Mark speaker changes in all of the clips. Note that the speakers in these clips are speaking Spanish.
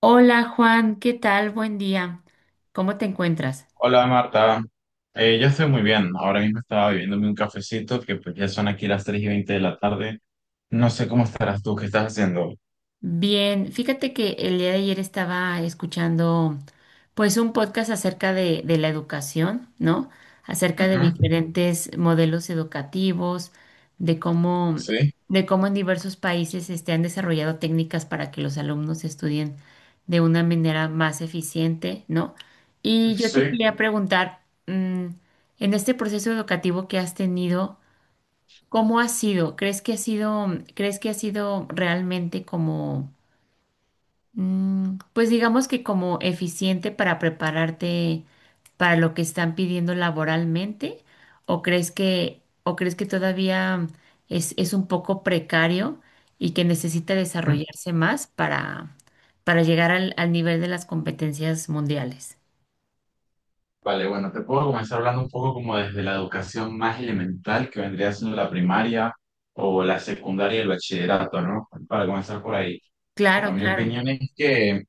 Speaker 1: Hola Juan, ¿qué tal? Buen día. ¿Cómo te encuentras?
Speaker 2: Hola Marta. Yo estoy muy bien. Ahora mismo estaba bebiéndome un cafecito que pues ya son aquí las 3:20 de la tarde. No sé cómo estarás tú, ¿qué estás haciendo?
Speaker 1: Bien, fíjate que el día de ayer estaba escuchando pues un podcast acerca de la educación, ¿no? Acerca de
Speaker 2: Ujú.
Speaker 1: diferentes modelos educativos, de cómo,
Speaker 2: Sí,
Speaker 1: de cómo en diversos países han desarrollado técnicas para que los alumnos estudien de una manera más eficiente, ¿no? Y yo te
Speaker 2: sí.
Speaker 1: quería preguntar, en este proceso educativo que has tenido, ¿cómo ha sido? ¿Crees que ha sido realmente como, pues digamos que como eficiente para prepararte para lo que están pidiendo laboralmente? ¿O crees que todavía es un poco precario y que necesita
Speaker 2: Ujú.
Speaker 1: desarrollarse más para llegar al nivel de las competencias mundiales?
Speaker 2: Vale, bueno, te puedo comenzar hablando un poco como desde la educación más elemental que vendría siendo la primaria o la secundaria y el bachillerato, ¿no? Para comenzar por ahí. Bueno,
Speaker 1: Claro,
Speaker 2: mi
Speaker 1: claro.
Speaker 2: opinión es que,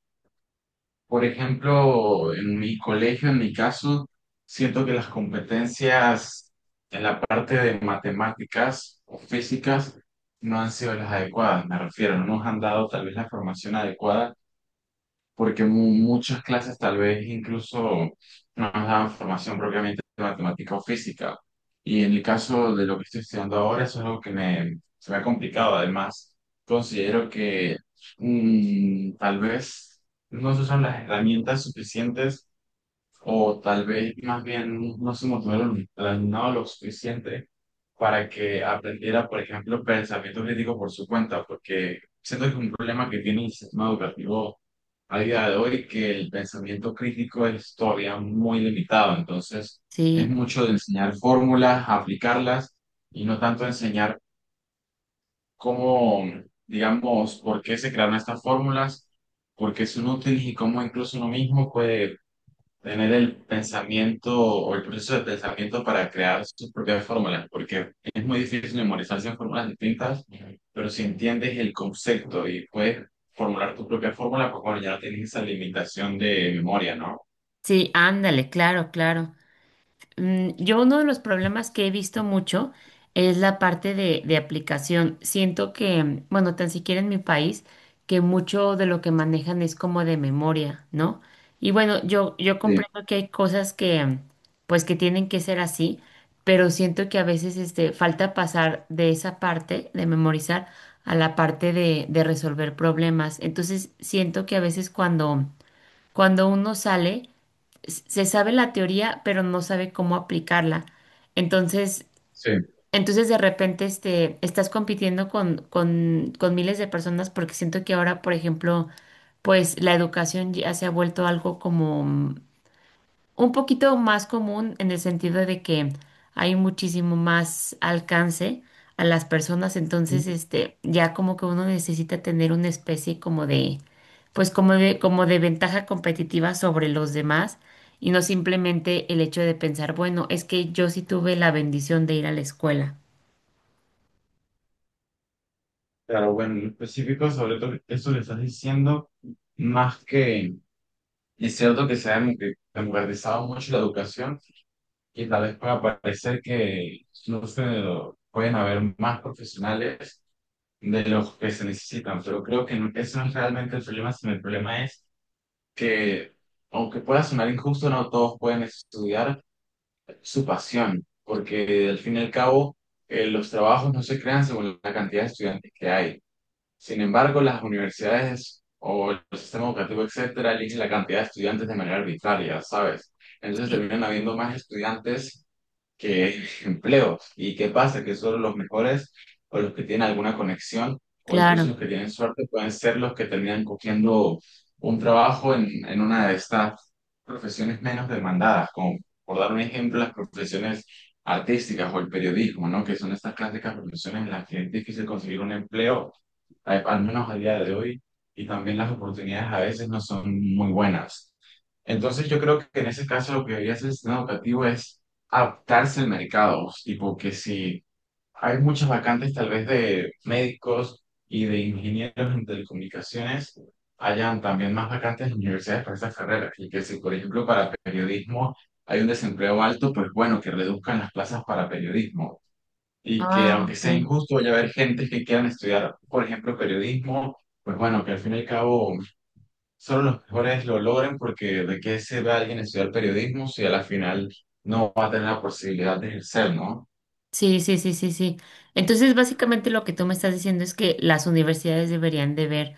Speaker 2: por ejemplo, en mi colegio, en mi caso, siento que las competencias en la parte de matemáticas o físicas no han sido las adecuadas, me refiero, no nos han dado tal vez la formación adecuada porque muchas clases tal vez incluso no nos daban formación propiamente de matemática o física. Y en el caso de lo que estoy estudiando ahora, eso es algo que me, se me ha complicado. Además, considero que tal vez no se usan las herramientas suficientes o tal vez más bien no se motivaron el alumnado lo suficiente para que aprendiera, por ejemplo, pensamiento crítico por su cuenta, porque siento que es un problema que tiene el sistema educativo a día de hoy, que el pensamiento crítico es todavía muy limitado. Entonces, es
Speaker 1: Sí,
Speaker 2: mucho de enseñar fórmulas, aplicarlas y no tanto enseñar cómo, digamos, por qué se crearon estas fórmulas, por qué son útiles y cómo incluso uno mismo puede tener el pensamiento o el proceso de pensamiento para crear sus propias fórmulas, porque es muy difícil memorizarse en fórmulas distintas, pero si entiendes el concepto y puedes formular tu propia fórmula, pues bueno, ya no tienes esa limitación de memoria, ¿no?
Speaker 1: sí, ándale, claro, claro. Yo, uno de los problemas que he visto mucho es la parte de aplicación. Siento que, bueno, tan siquiera en mi país, que mucho de lo que manejan es como de memoria, ¿no? Y bueno, yo
Speaker 2: Sí,
Speaker 1: comprendo que hay cosas que, pues, que tienen que ser así, pero siento que a veces, falta pasar de esa parte de memorizar a la parte de resolver problemas. Entonces, siento que a veces cuando uno sale, se sabe la teoría, pero no sabe cómo aplicarla. Entonces,
Speaker 2: sí.
Speaker 1: de repente estás compitiendo con miles de personas, porque siento que ahora, por ejemplo, pues la educación ya se ha vuelto algo como, un poquito más común, en el sentido de que hay muchísimo más alcance a las personas. Entonces ya como que uno necesita tener una especie como de pues como de ventaja competitiva sobre los demás, y no simplemente el hecho de pensar, bueno, es que yo sí tuve la bendición de ir a la escuela.
Speaker 2: Pero bueno, en específico sobre todo eso que estás diciendo, más que es cierto que se ha democratizado mucho la educación y tal vez pueda parecer que, no sé, pueden haber más profesionales de los que se necesitan, pero creo que no, eso no es realmente el problema, sino el problema es que, aunque pueda sonar injusto, no todos pueden estudiar su pasión, porque al fin y al cabo, los trabajos no se crean según la cantidad de estudiantes que hay. Sin embargo, las universidades o el sistema educativo, etcétera, eligen la cantidad de estudiantes de manera arbitraria, ¿sabes? Entonces
Speaker 1: Sí,
Speaker 2: terminan habiendo más estudiantes que empleos. ¿Y qué pasa? Que solo los mejores o los que tienen alguna conexión o incluso los
Speaker 1: claro.
Speaker 2: que tienen suerte pueden ser los que terminan cogiendo un trabajo en una de estas profesiones menos demandadas, como, por dar un ejemplo, las profesiones artísticas o el periodismo, ¿no? Que son estas clásicas profesiones en las que es difícil conseguir un empleo, al menos a día de hoy, y también las oportunidades a veces no son muy buenas. Entonces yo creo que en ese caso lo que debería hacer el sistema educativo es adaptarse al mercado, tipo que si hay muchas vacantes tal vez de médicos y de ingenieros en telecomunicaciones, hayan también más vacantes en universidades para esas carreras, y que si, por ejemplo, para periodismo hay un desempleo alto, pues bueno, que reduzcan las plazas para periodismo y
Speaker 1: Ah,
Speaker 2: que, aunque
Speaker 1: ok.
Speaker 2: sea injusto, vaya a haber gente que quieran estudiar, por ejemplo, periodismo, pues bueno, que al fin y al cabo solo los mejores lo logran, porque de qué se ve alguien estudiar periodismo si a la final no va a tener la posibilidad de ejercer, ¿no?
Speaker 1: Sí, sí, sí, sí, sí. Entonces, básicamente lo que tú me estás diciendo es que las universidades deberían de ver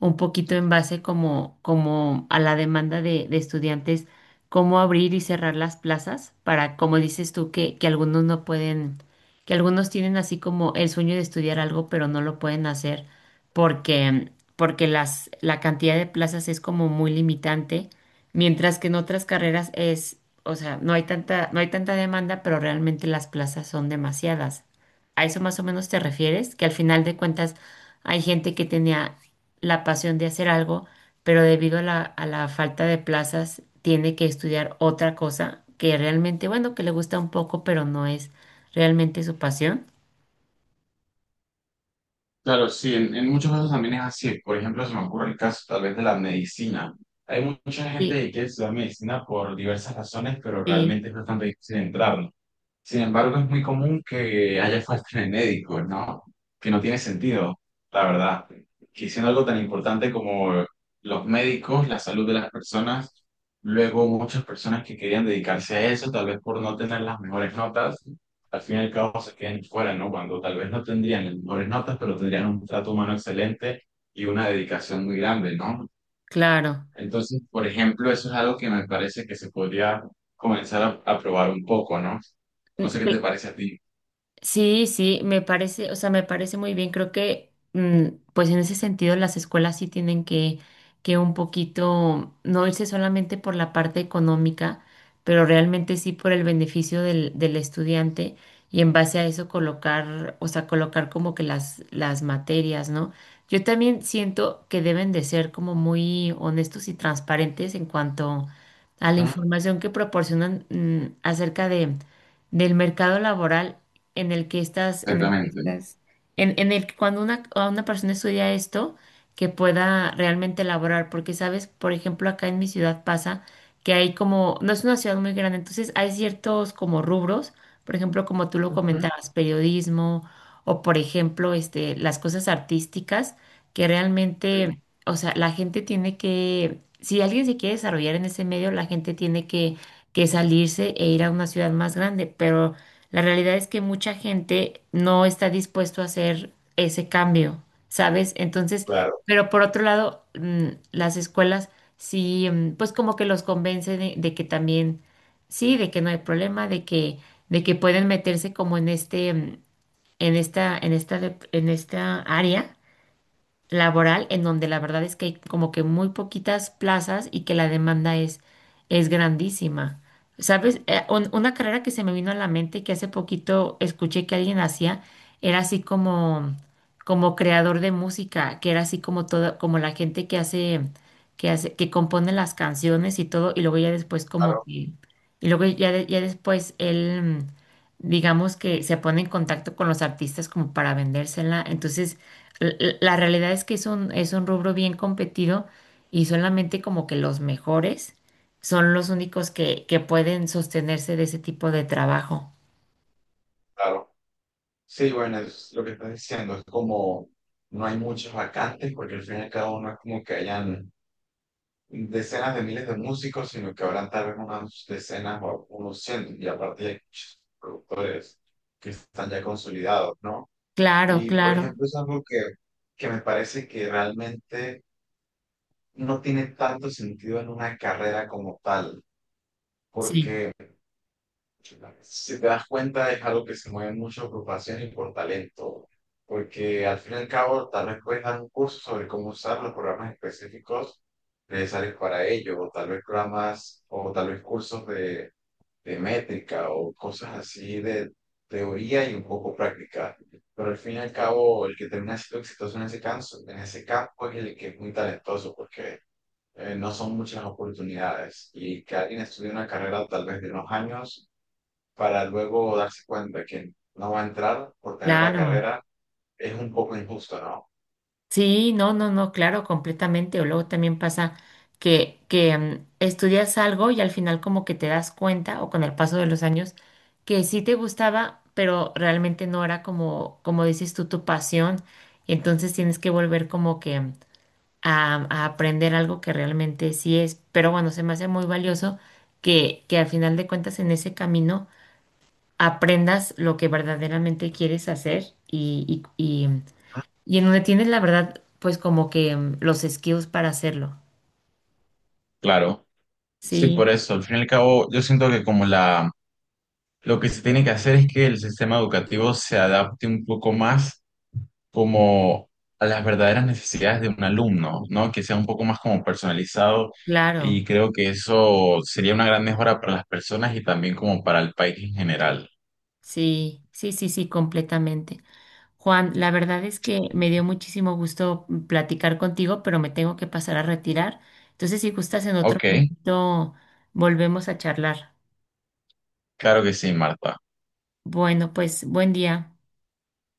Speaker 1: un poquito en base, como a la demanda de estudiantes, cómo abrir y cerrar las plazas para, como dices tú, que algunos no pueden, que algunos tienen así como el sueño de estudiar algo, pero no lo pueden hacer porque, porque la cantidad de plazas es como muy limitante. Mientras que en otras carreras es, o sea, no hay tanta demanda, pero realmente las plazas son demasiadas. ¿A eso más o menos te refieres? Que al final de cuentas hay gente que tenía la pasión de hacer algo, pero debido a la falta de plazas tiene que estudiar otra cosa que realmente, bueno, que le gusta un poco, pero no es realmente su pasión.
Speaker 2: Claro, sí, en muchos casos también es así. Por ejemplo, se me ocurre el caso tal vez de la medicina. Hay mucha gente
Speaker 1: Sí,
Speaker 2: que quiere estudiar medicina por diversas razones, pero
Speaker 1: sí,
Speaker 2: realmente es bastante difícil entrar, ¿no? Sin embargo, es muy común que haya falta de médicos, ¿no? Que no tiene sentido, la verdad. Que siendo algo tan importante como los médicos, la salud de las personas, luego muchas personas que querían dedicarse a eso, tal vez por no tener las mejores notas, al fin y al cabo se queden fuera, ¿no? Cuando tal vez no tendrían las mejores notas, pero tendrían un trato humano excelente y una dedicación muy grande, ¿no?
Speaker 1: claro.
Speaker 2: Entonces, por ejemplo, eso es algo que me parece que se podría comenzar a probar un poco, ¿no? No sé qué te parece a ti.
Speaker 1: Sí, sí, me parece, o sea, me parece muy bien. Creo que, pues en ese sentido, las escuelas sí tienen que un poquito, no irse solamente por la parte económica, pero realmente sí por el beneficio del estudiante, y en base a eso colocar, o sea, colocar como que las materias, ¿no? Yo también siento que deben de ser como muy honestos y transparentes en cuanto a la
Speaker 2: Ujú.
Speaker 1: información que proporcionan, acerca de del mercado laboral en el que estás,
Speaker 2: Exactamente.
Speaker 1: en el que, cuando a una persona estudia esto, que pueda realmente elaborar. Porque sabes, por ejemplo, acá en mi ciudad pasa que hay como, no es una ciudad muy grande, entonces hay ciertos como rubros. Por ejemplo, como tú lo
Speaker 2: Ujú.
Speaker 1: comentabas, periodismo, o por ejemplo, las cosas artísticas, que
Speaker 2: Sí.
Speaker 1: realmente, o sea, la gente tiene que, si alguien se quiere desarrollar en ese medio, la gente tiene que salirse e ir a una ciudad más grande, pero la realidad es que mucha gente no está dispuesto a hacer ese cambio, ¿sabes? Entonces,
Speaker 2: Claro,
Speaker 1: pero por otro lado, las escuelas sí, pues como que los convence de que también, sí, de que no hay problema, de que pueden meterse como en en esta área laboral, en donde la verdad es que hay como que muy poquitas plazas y que la demanda es grandísima. ¿Sabes? Una carrera que se me vino a la mente, y que hace poquito escuché que alguien hacía, era así como, como creador de música, que era así como toda, como la gente que hace, que compone las canciones y todo, y luego ya después como que, y luego ya, ya después él, digamos que se pone en contacto con los artistas como para vendérsela. Entonces, la realidad es que es un rubro bien competido, y solamente como que los mejores son los únicos que pueden sostenerse de ese tipo de trabajo.
Speaker 2: claro. Sí, bueno, es lo que estás diciendo, es como no hay muchas vacantes, porque al fin y al cabo no es como que hayan decenas de miles de músicos, sino que habrán tal vez unas decenas o unos cientos, y aparte hay muchos productores que están ya consolidados, ¿no?
Speaker 1: Claro,
Speaker 2: Y por
Speaker 1: claro,
Speaker 2: ejemplo, es algo que me parece que realmente no tiene tanto sentido en una carrera como tal,
Speaker 1: sí,
Speaker 2: porque si te das cuenta es algo que se mueve mucho por pasión y por talento, porque al fin y al cabo tal vez puedes dar un curso sobre cómo usar los programas específicos necesarios para ello, o tal vez programas, o tal vez cursos de métrica o cosas así de teoría y un poco práctica. Pero al fin y al cabo, el que termina siendo exitoso en ese campo, es el que es muy talentoso, porque no son muchas las oportunidades, y que alguien estudie una carrera tal vez de unos años para luego darse cuenta que no va a entrar por tener la
Speaker 1: claro.
Speaker 2: carrera es un poco injusto, ¿no?
Speaker 1: Sí, no, no, no, claro, completamente. O luego también pasa que estudias algo y al final como que te das cuenta, o con el paso de los años, que sí te gustaba, pero realmente no era, como como dices tú, tu pasión. Y entonces tienes que volver como que... mm, a aprender algo que realmente sí es. Pero bueno, se me hace muy valioso que al final de cuentas en ese camino aprendas lo que verdaderamente quieres hacer, y en donde tienes la verdad, pues como que, los skills para hacerlo.
Speaker 2: Claro, sí, por
Speaker 1: Sí,
Speaker 2: eso. Al fin y al cabo, yo siento que como la, lo que se tiene que hacer es que el sistema educativo se adapte un poco más como a las verdaderas necesidades de un alumno, ¿no? Que sea un poco más como personalizado
Speaker 1: claro.
Speaker 2: y creo que eso sería una gran mejora para las personas y también como para el país en general.
Speaker 1: Sí, sí, sí, sí, completamente. Juan, la verdad es que me dio muchísimo gusto platicar contigo, pero me tengo que pasar a retirar. Entonces, si gustas, en otro
Speaker 2: Ok,
Speaker 1: momento volvemos a charlar.
Speaker 2: claro que sí, Marta.
Speaker 1: Bueno, pues buen día.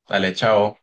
Speaker 2: Dale, chao.